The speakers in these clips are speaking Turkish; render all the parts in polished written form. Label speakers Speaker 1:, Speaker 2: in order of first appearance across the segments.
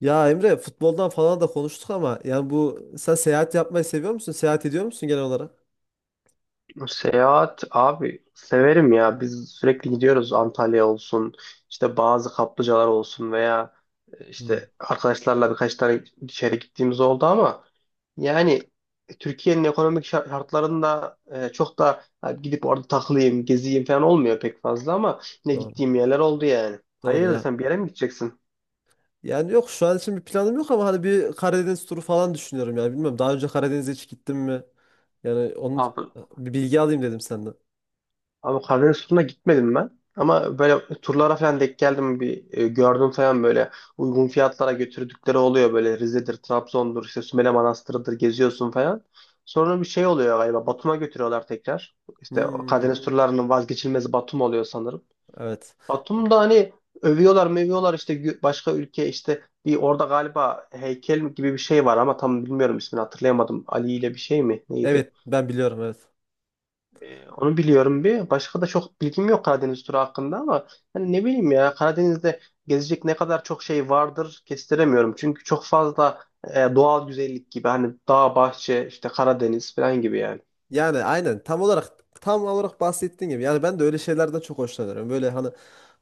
Speaker 1: Ya Emre futboldan falan da konuştuk ama yani bu sen seyahat yapmayı seviyor musun? Seyahat ediyor musun genel olarak?
Speaker 2: Seyahat abi severim ya. Biz sürekli gidiyoruz Antalya olsun, işte bazı kaplıcalar olsun veya
Speaker 1: Hmm,
Speaker 2: işte arkadaşlarla birkaç tane dışarı gittiğimiz oldu ama yani Türkiye'nin ekonomik şartlarında çok da gidip orada takılayım, geziyim falan olmuyor pek fazla ama yine
Speaker 1: doğru.
Speaker 2: gittiğim yerler oldu yani.
Speaker 1: Doğru
Speaker 2: Hayırdır
Speaker 1: ya.
Speaker 2: sen bir yere mi gideceksin?
Speaker 1: Yani yok şu an için bir planım yok ama hani bir Karadeniz turu falan düşünüyorum yani bilmiyorum. Daha önce Karadeniz'e hiç gittim mi? Yani onun
Speaker 2: Abi
Speaker 1: bir bilgi alayım dedim senden.
Speaker 2: Abi Karadeniz turuna gitmedim ben. Ama böyle turlara falan denk geldim bir gördüm falan böyle uygun fiyatlara götürdükleri oluyor böyle Rize'dir, Trabzon'dur, işte Sümele Manastır'dır geziyorsun falan. Sonra bir şey oluyor galiba Batum'a götürüyorlar tekrar. İşte o
Speaker 1: Hmm,
Speaker 2: Karadeniz turlarının vazgeçilmezi Batum oluyor sanırım.
Speaker 1: evet.
Speaker 2: Batum'da hani övüyorlar mövüyorlar işte başka ülke işte bir orada galiba heykel gibi bir şey var ama tam bilmiyorum ismini hatırlayamadım. Ali ile bir şey mi neydi?
Speaker 1: Evet ben biliyorum evet.
Speaker 2: Onu biliyorum bir. Başka da çok bilgim yok Karadeniz turu hakkında ama hani ne bileyim ya Karadeniz'de gezecek ne kadar çok şey vardır kestiremiyorum. Çünkü çok fazla doğal güzellik gibi hani dağ, bahçe, işte Karadeniz falan gibi yani.
Speaker 1: Yani aynen tam olarak bahsettiğin gibi. Yani ben de öyle şeylerden çok hoşlanıyorum. Böyle hani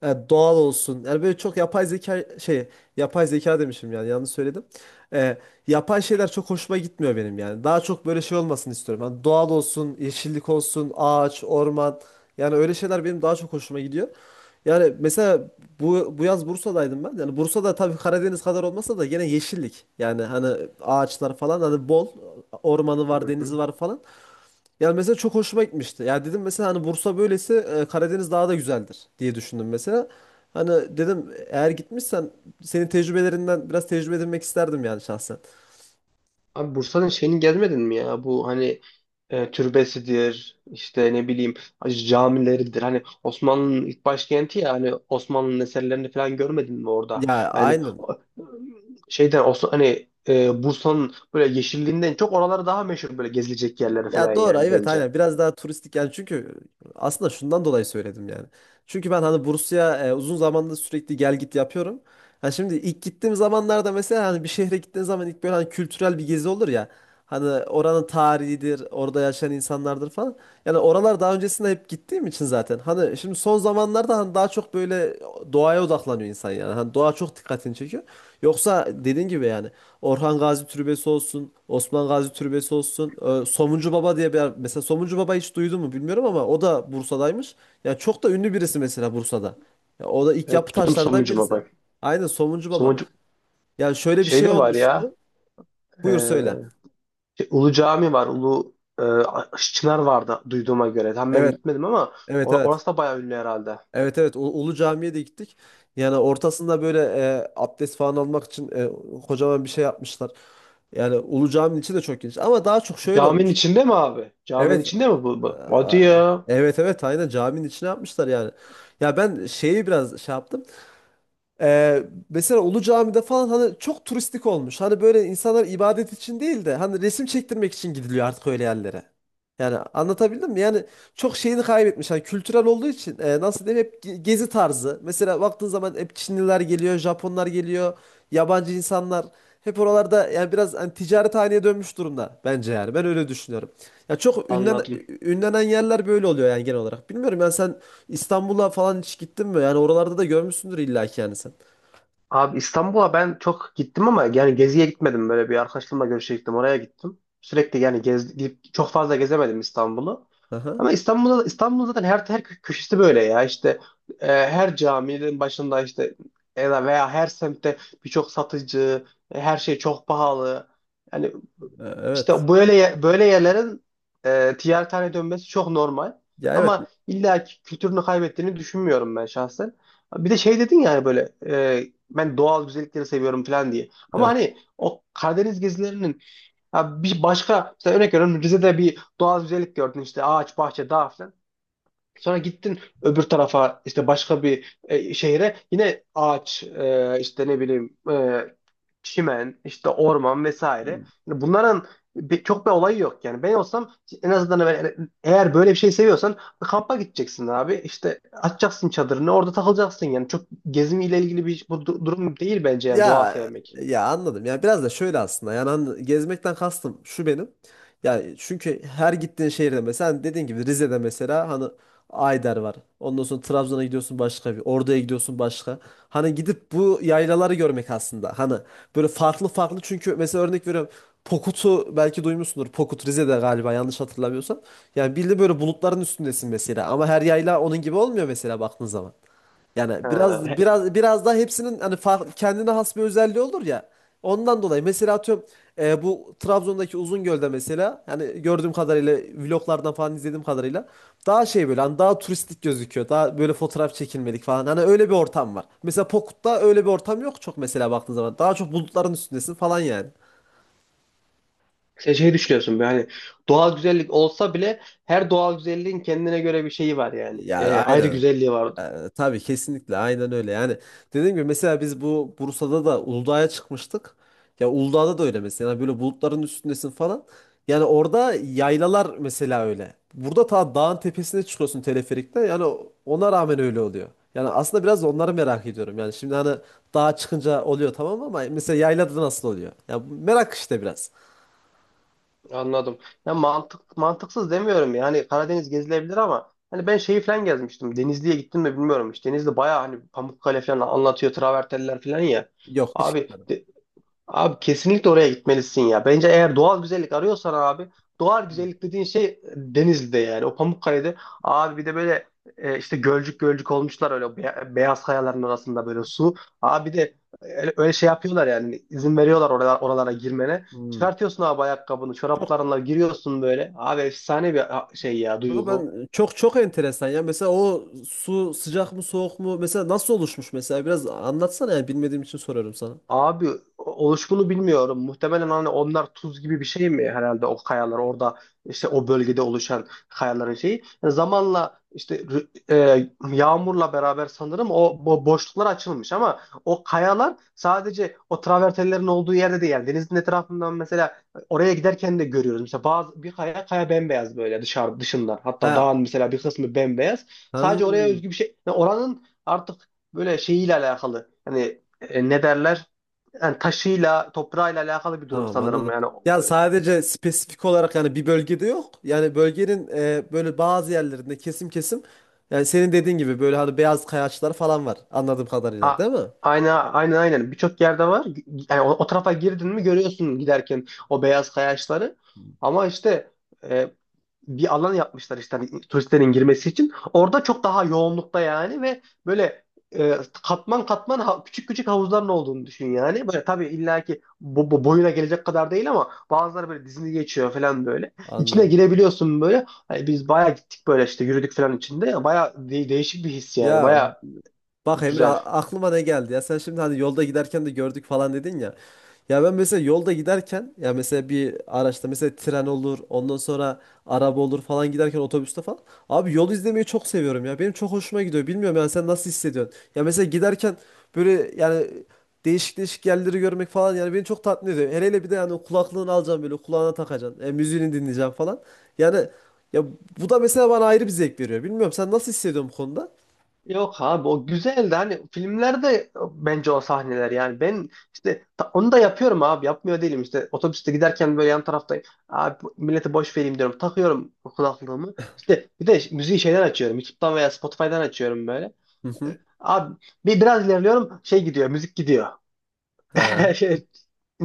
Speaker 1: doğal olsun. Yani böyle çok yapay zeka şey, yapay zeka demişim yani yanlış söyledim. E, Yapay şeyler çok hoşuma gitmiyor benim yani. Daha çok böyle şey olmasını istiyorum. Hani doğal olsun, yeşillik olsun, ağaç, orman. Yani öyle şeyler benim daha çok hoşuma gidiyor. Yani mesela bu yaz Bursa'daydım ben. Yani Bursa'da tabii Karadeniz kadar olmasa da gene yeşillik. Yani hani ağaçlar falan hani bol ormanı
Speaker 2: Hı
Speaker 1: var, denizi
Speaker 2: hı.
Speaker 1: var falan. Yani mesela çok hoşuma gitmişti. Ya dedim mesela hani Bursa böylesi Karadeniz daha da güzeldir diye düşündüm mesela. Hani dedim eğer gitmişsen senin tecrübelerinden biraz tecrübe edinmek isterdim yani şahsen.
Speaker 2: Abi Bursa'nın şeyini gezmedin mi ya? Bu hani türbesidir, işte ne bileyim camileridir. Hani Osmanlı'nın ilk başkenti ya hani Osmanlı'nın eserlerini falan görmedin mi orada?
Speaker 1: Ya
Speaker 2: Yani
Speaker 1: aynen.
Speaker 2: şeyden Osman, hani Bursa'nın böyle yeşilliğinden çok oraları daha meşhur böyle gezilecek yerleri falan
Speaker 1: Ya doğru
Speaker 2: yani
Speaker 1: evet
Speaker 2: bence.
Speaker 1: aynen biraz daha turistik yani çünkü aslında şundan dolayı söyledim yani. Çünkü ben hani Bursa'ya uzun zamandır sürekli gel git yapıyorum. Yani şimdi ilk gittiğim zamanlarda mesela hani bir şehre gittiğin zaman ilk böyle hani kültürel bir gezi olur ya. Hani oranın tarihidir, orada yaşayan insanlardır falan. Yani oralar daha öncesinde hep gittiğim için zaten. Hani şimdi son zamanlarda hani daha çok böyle doğaya odaklanıyor insan yani. Hani doğa çok dikkatini çekiyor. Yoksa dediğin gibi yani Orhan Gazi Türbesi olsun, Osman Gazi Türbesi olsun. Somuncu Baba diye mesela Somuncu Baba hiç duydun mu bilmiyorum ama o da Bursa'daymış. Ya çok da ünlü birisi mesela Bursa'da. Ya o da ilk
Speaker 2: Evet
Speaker 1: yapı
Speaker 2: gittim
Speaker 1: taşlarından
Speaker 2: Somuncu'ma
Speaker 1: birisi.
Speaker 2: bak.
Speaker 1: Aynen Somuncu Baba.
Speaker 2: Somuncu
Speaker 1: Yani şöyle bir
Speaker 2: şey
Speaker 1: şey
Speaker 2: de var ya
Speaker 1: olmuştu.
Speaker 2: e,
Speaker 1: Buyur söyle.
Speaker 2: şey, Ulu Cami var Ulu Çınar vardı duyduğuma göre. Tam ben
Speaker 1: Evet,
Speaker 2: gitmedim ama
Speaker 1: evet, evet.
Speaker 2: orası da bayağı ünlü herhalde.
Speaker 1: Evet evet Ulu Cami'ye de gittik. Yani ortasında böyle abdest falan almak için kocaman bir şey yapmışlar. Yani Ulu Cami'nin içi de çok geniş ama daha çok şöyle
Speaker 2: Caminin
Speaker 1: olmuş.
Speaker 2: içinde mi abi? Caminin
Speaker 1: Evet.
Speaker 2: içinde mi bu? Bu? Hadi
Speaker 1: Aa,
Speaker 2: ya.
Speaker 1: evet evet aynen caminin içine yapmışlar yani. Ya ben şeyi biraz şey yaptım. Ee, Mesela Ulu Cami'de falan hani çok turistik olmuş. Hani böyle insanlar ibadet için değil de hani resim çektirmek için gidiliyor artık öyle yerlere. Yani anlatabildim mi? Yani çok şeyini kaybetmiş. Hani kültürel olduğu için nasıl diyeyim hep gezi tarzı. Mesela baktığın zaman hep Çinliler geliyor, Japonlar geliyor, yabancı insanlar. Hep oralarda yani biraz hani ticaret haline dönmüş durumda bence yani. Ben öyle düşünüyorum. Ya çok ünlen,
Speaker 2: Anladım.
Speaker 1: Ünlenen yerler böyle oluyor yani genel olarak. Bilmiyorum yani sen İstanbul'a falan hiç gittin mi? Yani oralarda da görmüşsündür illa ki yani sen.
Speaker 2: Abi İstanbul'a ben çok gittim ama yani geziye gitmedim. Böyle bir arkadaşlarımla görüşe gittim. Oraya gittim. Sürekli yani gez, gidip çok fazla gezemedim İstanbul'u.
Speaker 1: Aha.
Speaker 2: Ama İstanbul'da İstanbul zaten her köşesi böyle ya. İşte her caminin başında işte ya da veya her semtte birçok satıcı, her şey çok pahalı. Yani
Speaker 1: Evet.
Speaker 2: İşte böyle yerlerin ticaret haline dönmesi çok normal.
Speaker 1: Ya evet.
Speaker 2: Ama illa ki kültürünü kaybettiğini düşünmüyorum ben şahsen. Bir de şey dedin yani böyle ben doğal güzellikleri seviyorum falan diye. Ama
Speaker 1: Evet.
Speaker 2: hani o Karadeniz gezilerinin ya bir başka mesela örnek veriyorum Rize'de bir doğal güzellik gördün işte ağaç, bahçe, dağ falan. Sonra gittin öbür tarafa işte başka bir şehre yine ağaç işte ne bileyim çimen işte orman vesaire. Yani bunların çok bir olayı yok yani. Ben olsam en azından eğer böyle bir şey seviyorsan bir kampa gideceksin abi. İşte açacaksın çadırını orada takılacaksın yani. Çok gezimiyle ilgili bir durum değil bence yani doğa
Speaker 1: Ya
Speaker 2: sevmek.
Speaker 1: ya anladım. Ya biraz da şöyle aslında. Yani gezmekten kastım şu benim. Yani çünkü her gittiğin şehirde mesela hani dediğin gibi Rize'de mesela hani Ayder var. Ondan sonra Trabzon'a gidiyorsun başka bir. Ordu'ya gidiyorsun başka. Hani gidip bu yaylaları görmek aslında. Hani böyle farklı farklı çünkü mesela örnek veriyorum. Pokut'u belki duymuşsundur. Pokut Rize'de galiba yanlış hatırlamıyorsam. Yani bildiğin böyle bulutların üstündesin mesela. Ama her yayla onun gibi olmuyor mesela baktığın zaman. Yani
Speaker 2: Ha,
Speaker 1: biraz
Speaker 2: he-
Speaker 1: biraz biraz daha hepsinin hani kendine has bir özelliği olur ya. Ondan dolayı mesela atıyorum, bu Trabzon'daki Uzungöl'de mesela yani gördüğüm kadarıyla vloglardan falan izlediğim kadarıyla daha şey böyle hani daha turistik gözüküyor. Daha böyle fotoğraf çekilmedik falan. Hani öyle bir ortam var. Mesela Pokut'ta öyle bir ortam yok çok mesela baktığın zaman. Daha çok bulutların üstündesin falan yani.
Speaker 2: sen şey düşünüyorsun böyle hani doğal güzellik olsa bile her doğal güzelliğin kendine göre bir şeyi var yani.
Speaker 1: Yani
Speaker 2: Ayrı
Speaker 1: aynen.
Speaker 2: güzelliği var.
Speaker 1: Tabii kesinlikle aynen öyle. Yani dediğim gibi mesela biz bu Bursa'da da Uludağ'a çıkmıştık. Ya Uludağ'da da öyle mesela. Yani böyle bulutların üstündesin falan. Yani orada yaylalar mesela öyle. Burada ta dağın tepesine çıkıyorsun teleferikte. Yani ona rağmen öyle oluyor. Yani aslında biraz da onları merak ediyorum. Yani şimdi hani dağa çıkınca oluyor tamam ama mesela yaylada nasıl oluyor? Ya bu merak işte biraz.
Speaker 2: Anladım. Ya mantık mantıksız demiyorum yani Karadeniz gezilebilir ama hani ben şeyi falan gezmiştim. Denizli'ye gittim mi bilmiyorum. İşte Denizli bayağı hani Pamukkale falan anlatıyor travertenler falan ya.
Speaker 1: Yok hiç
Speaker 2: Abi
Speaker 1: gitmedim.
Speaker 2: de- Abi kesinlikle oraya gitmelisin ya. Bence eğer doğal güzellik arıyorsan abi doğal güzellik dediğin şey Denizli'de yani o Pamukkale'de abi bir de böyle işte gölcük gölcük olmuşlar öyle beyaz kayaların arasında böyle su. Abi bir de öyle şey yapıyorlar yani izin veriyorlar oralara girmene.
Speaker 1: Hmm.
Speaker 2: Çıkartıyorsun abi ayakkabını çoraplarınla giriyorsun böyle. Abi efsane bir şey ya
Speaker 1: Kanka
Speaker 2: duygu.
Speaker 1: ben çok enteresan ya. Mesela o su sıcak mı soğuk mu? Mesela nasıl oluşmuş mesela? Biraz anlatsana yani bilmediğim için soruyorum sana.
Speaker 2: Abi oluşumunu bilmiyorum. Muhtemelen hani onlar tuz gibi bir şey mi herhalde o kayalar orada işte o bölgede oluşan kayaların şeyi. Yani zamanla işte yağmurla beraber sanırım o boşluklar açılmış ama o kayalar sadece o travertenlerin olduğu yerde değil. Yani denizin etrafından mesela oraya giderken de görüyoruz. Mesela bazı bir kaya bembeyaz böyle dışından. Hatta
Speaker 1: Ha,
Speaker 2: dağın mesela bir kısmı bembeyaz. Sadece oraya
Speaker 1: hmm,
Speaker 2: özgü bir şey. Yani oranın artık böyle şeyiyle alakalı. Hani ne derler? Yani taşıyla, toprağıyla alakalı bir durum
Speaker 1: tamam
Speaker 2: sanırım.
Speaker 1: anladım.
Speaker 2: Yani
Speaker 1: Ya sadece spesifik olarak yani bir bölgede yok. Yani bölgenin böyle bazı yerlerinde kesim kesim yani senin dediğin gibi böyle hani beyaz kayaçlar falan var anladığım kadarıyla değil
Speaker 2: ha,
Speaker 1: mi?
Speaker 2: aynen aynen aynen birçok yerde var. Yani o, o tarafa girdin mi görüyorsun giderken o beyaz kayaçları. Ama işte e, bir alan yapmışlar işte hani turistlerin girmesi için. Orada çok daha yoğunlukta yani ve böyle e, katman katman küçük küçük havuzların olduğunu düşün yani. Böyle tabii illaki bu boyuna gelecek kadar değil ama bazıları böyle dizini geçiyor falan böyle. İçine
Speaker 1: Anladım.
Speaker 2: girebiliyorsun böyle. Hani biz bayağı gittik böyle işte yürüdük falan içinde. Bayağı değişik bir his yani.
Speaker 1: Ya
Speaker 2: Bayağı
Speaker 1: bak Emre,
Speaker 2: güzel.
Speaker 1: aklıma ne geldi ya, sen şimdi hani yolda giderken de gördük falan dedin ya. Ya ben mesela yolda giderken ya mesela bir araçta mesela tren olur ondan sonra araba olur falan giderken otobüste falan. Abi yol izlemeyi çok seviyorum ya, benim çok hoşuma gidiyor, bilmiyorum yani sen nasıl hissediyorsun? Ya mesela giderken böyle yani değişik değişik yerleri görmek falan yani beni çok tatmin ediyor. Hele hele bir de yani kulaklığını alacaksın böyle kulağına takacaksın, müziğini dinleyeceksin falan. Yani ya bu da mesela bana ayrı bir zevk veriyor, bilmiyorum sen nasıl hissediyorsun bu konuda?
Speaker 2: Yok abi o güzeldi hani filmlerde bence o sahneler yani ben işte onu da yapıyorum abi yapmıyor değilim işte otobüste giderken böyle yan taraftayım abi millete boş vereyim diyorum takıyorum kulaklığımı işte bir de müziği şeyden açıyorum YouTube'dan veya Spotify'dan açıyorum böyle.
Speaker 1: Hı hı.
Speaker 2: Abi bir biraz ilerliyorum şey gidiyor müzik gidiyor
Speaker 1: He.
Speaker 2: şey,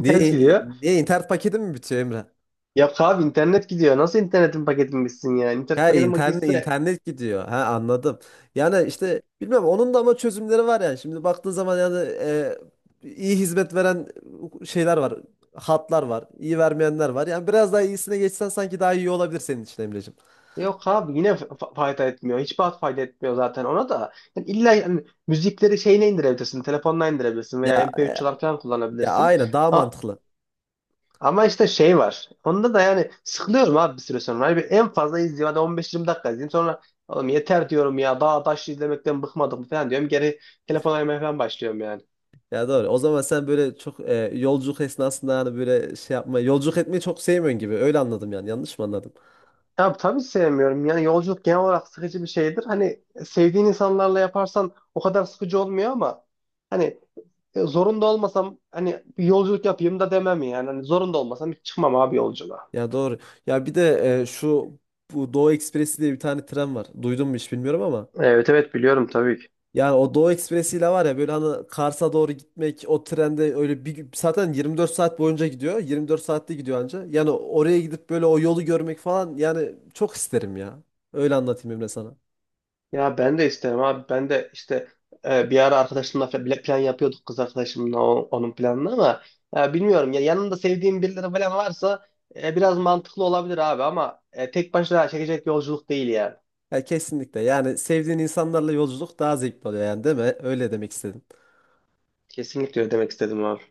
Speaker 1: Niye,
Speaker 2: gidiyor.
Speaker 1: niye internet paketi mi bitiyor Emre?
Speaker 2: Yok abi internet gidiyor nasıl internetin paketini bilsin yani internet
Speaker 1: Ha,
Speaker 2: paketin
Speaker 1: internet
Speaker 2: gitse.
Speaker 1: internet gidiyor. Ha anladım. Yani işte bilmem onun da ama çözümleri var yani. Şimdi baktığın zaman yani, iyi hizmet veren şeyler var. Hatlar var. İyi vermeyenler var. Yani biraz daha iyisine geçsen sanki daha iyi olabilir senin için Emreciğim.
Speaker 2: Yok abi yine fayda etmiyor. Hiçbir hat fayda etmiyor zaten ona da. Yani illa yani müzikleri şeyine indirebilirsin. Telefonla indirebilirsin veya
Speaker 1: Ya
Speaker 2: MP3 çalarken
Speaker 1: ya
Speaker 2: kullanabilirsin.
Speaker 1: aynen daha
Speaker 2: A-
Speaker 1: mantıklı.
Speaker 2: ama işte şey var. Onda da yani sıkılıyorum abi bir süre sonra. Hani bir en fazla izliyorum. Hadi 15-20 dakika izleyeyim. Sonra oğlum yeter diyorum ya. Daha taş izlemekten bıkmadım mı falan diyorum. Geri telefon oynamaya falan başlıyorum yani.
Speaker 1: Ya doğru. O zaman sen böyle çok, yolculuk esnasında yani böyle şey yapma, yolculuk etmeyi çok sevmiyorsun gibi. Öyle anladım yani. Yanlış mı anladım?
Speaker 2: Ya tabii sevmiyorum. Yani yolculuk genel olarak sıkıcı bir şeydir. Hani sevdiğin insanlarla yaparsan o kadar sıkıcı olmuyor ama hani ya zorunda olmasam hani bir yolculuk yapayım da demem yani. Hani zorunda olmasam hiç çıkmam abi yolculuğa.
Speaker 1: Ya doğru. Ya bir de e, şu bu Doğu Ekspresi diye bir tane tren var. Duydun mu hiç bilmiyorum ama.
Speaker 2: Evet evet biliyorum tabii ki.
Speaker 1: Yani o Doğu Ekspresi ile var ya böyle hani Kars'a doğru gitmek, o trende öyle zaten 24 saat boyunca gidiyor. 24 saatte gidiyor anca. Yani oraya gidip böyle o yolu görmek falan yani çok isterim ya. Öyle anlatayım Emre sana.
Speaker 2: Ya ben de isterim abi. Ben de işte bir ara arkadaşımla plan yapıyorduk kız arkadaşımla onun planını ama bilmiyorum ya yanında sevdiğim birileri falan varsa biraz mantıklı olabilir abi ama tek başına çekecek yolculuk değil yani.
Speaker 1: Ya kesinlikle. Yani sevdiğin insanlarla yolculuk daha zevkli oluyor yani değil mi? Öyle demek istedim.
Speaker 2: Kesinlikle öyle demek istedim abi.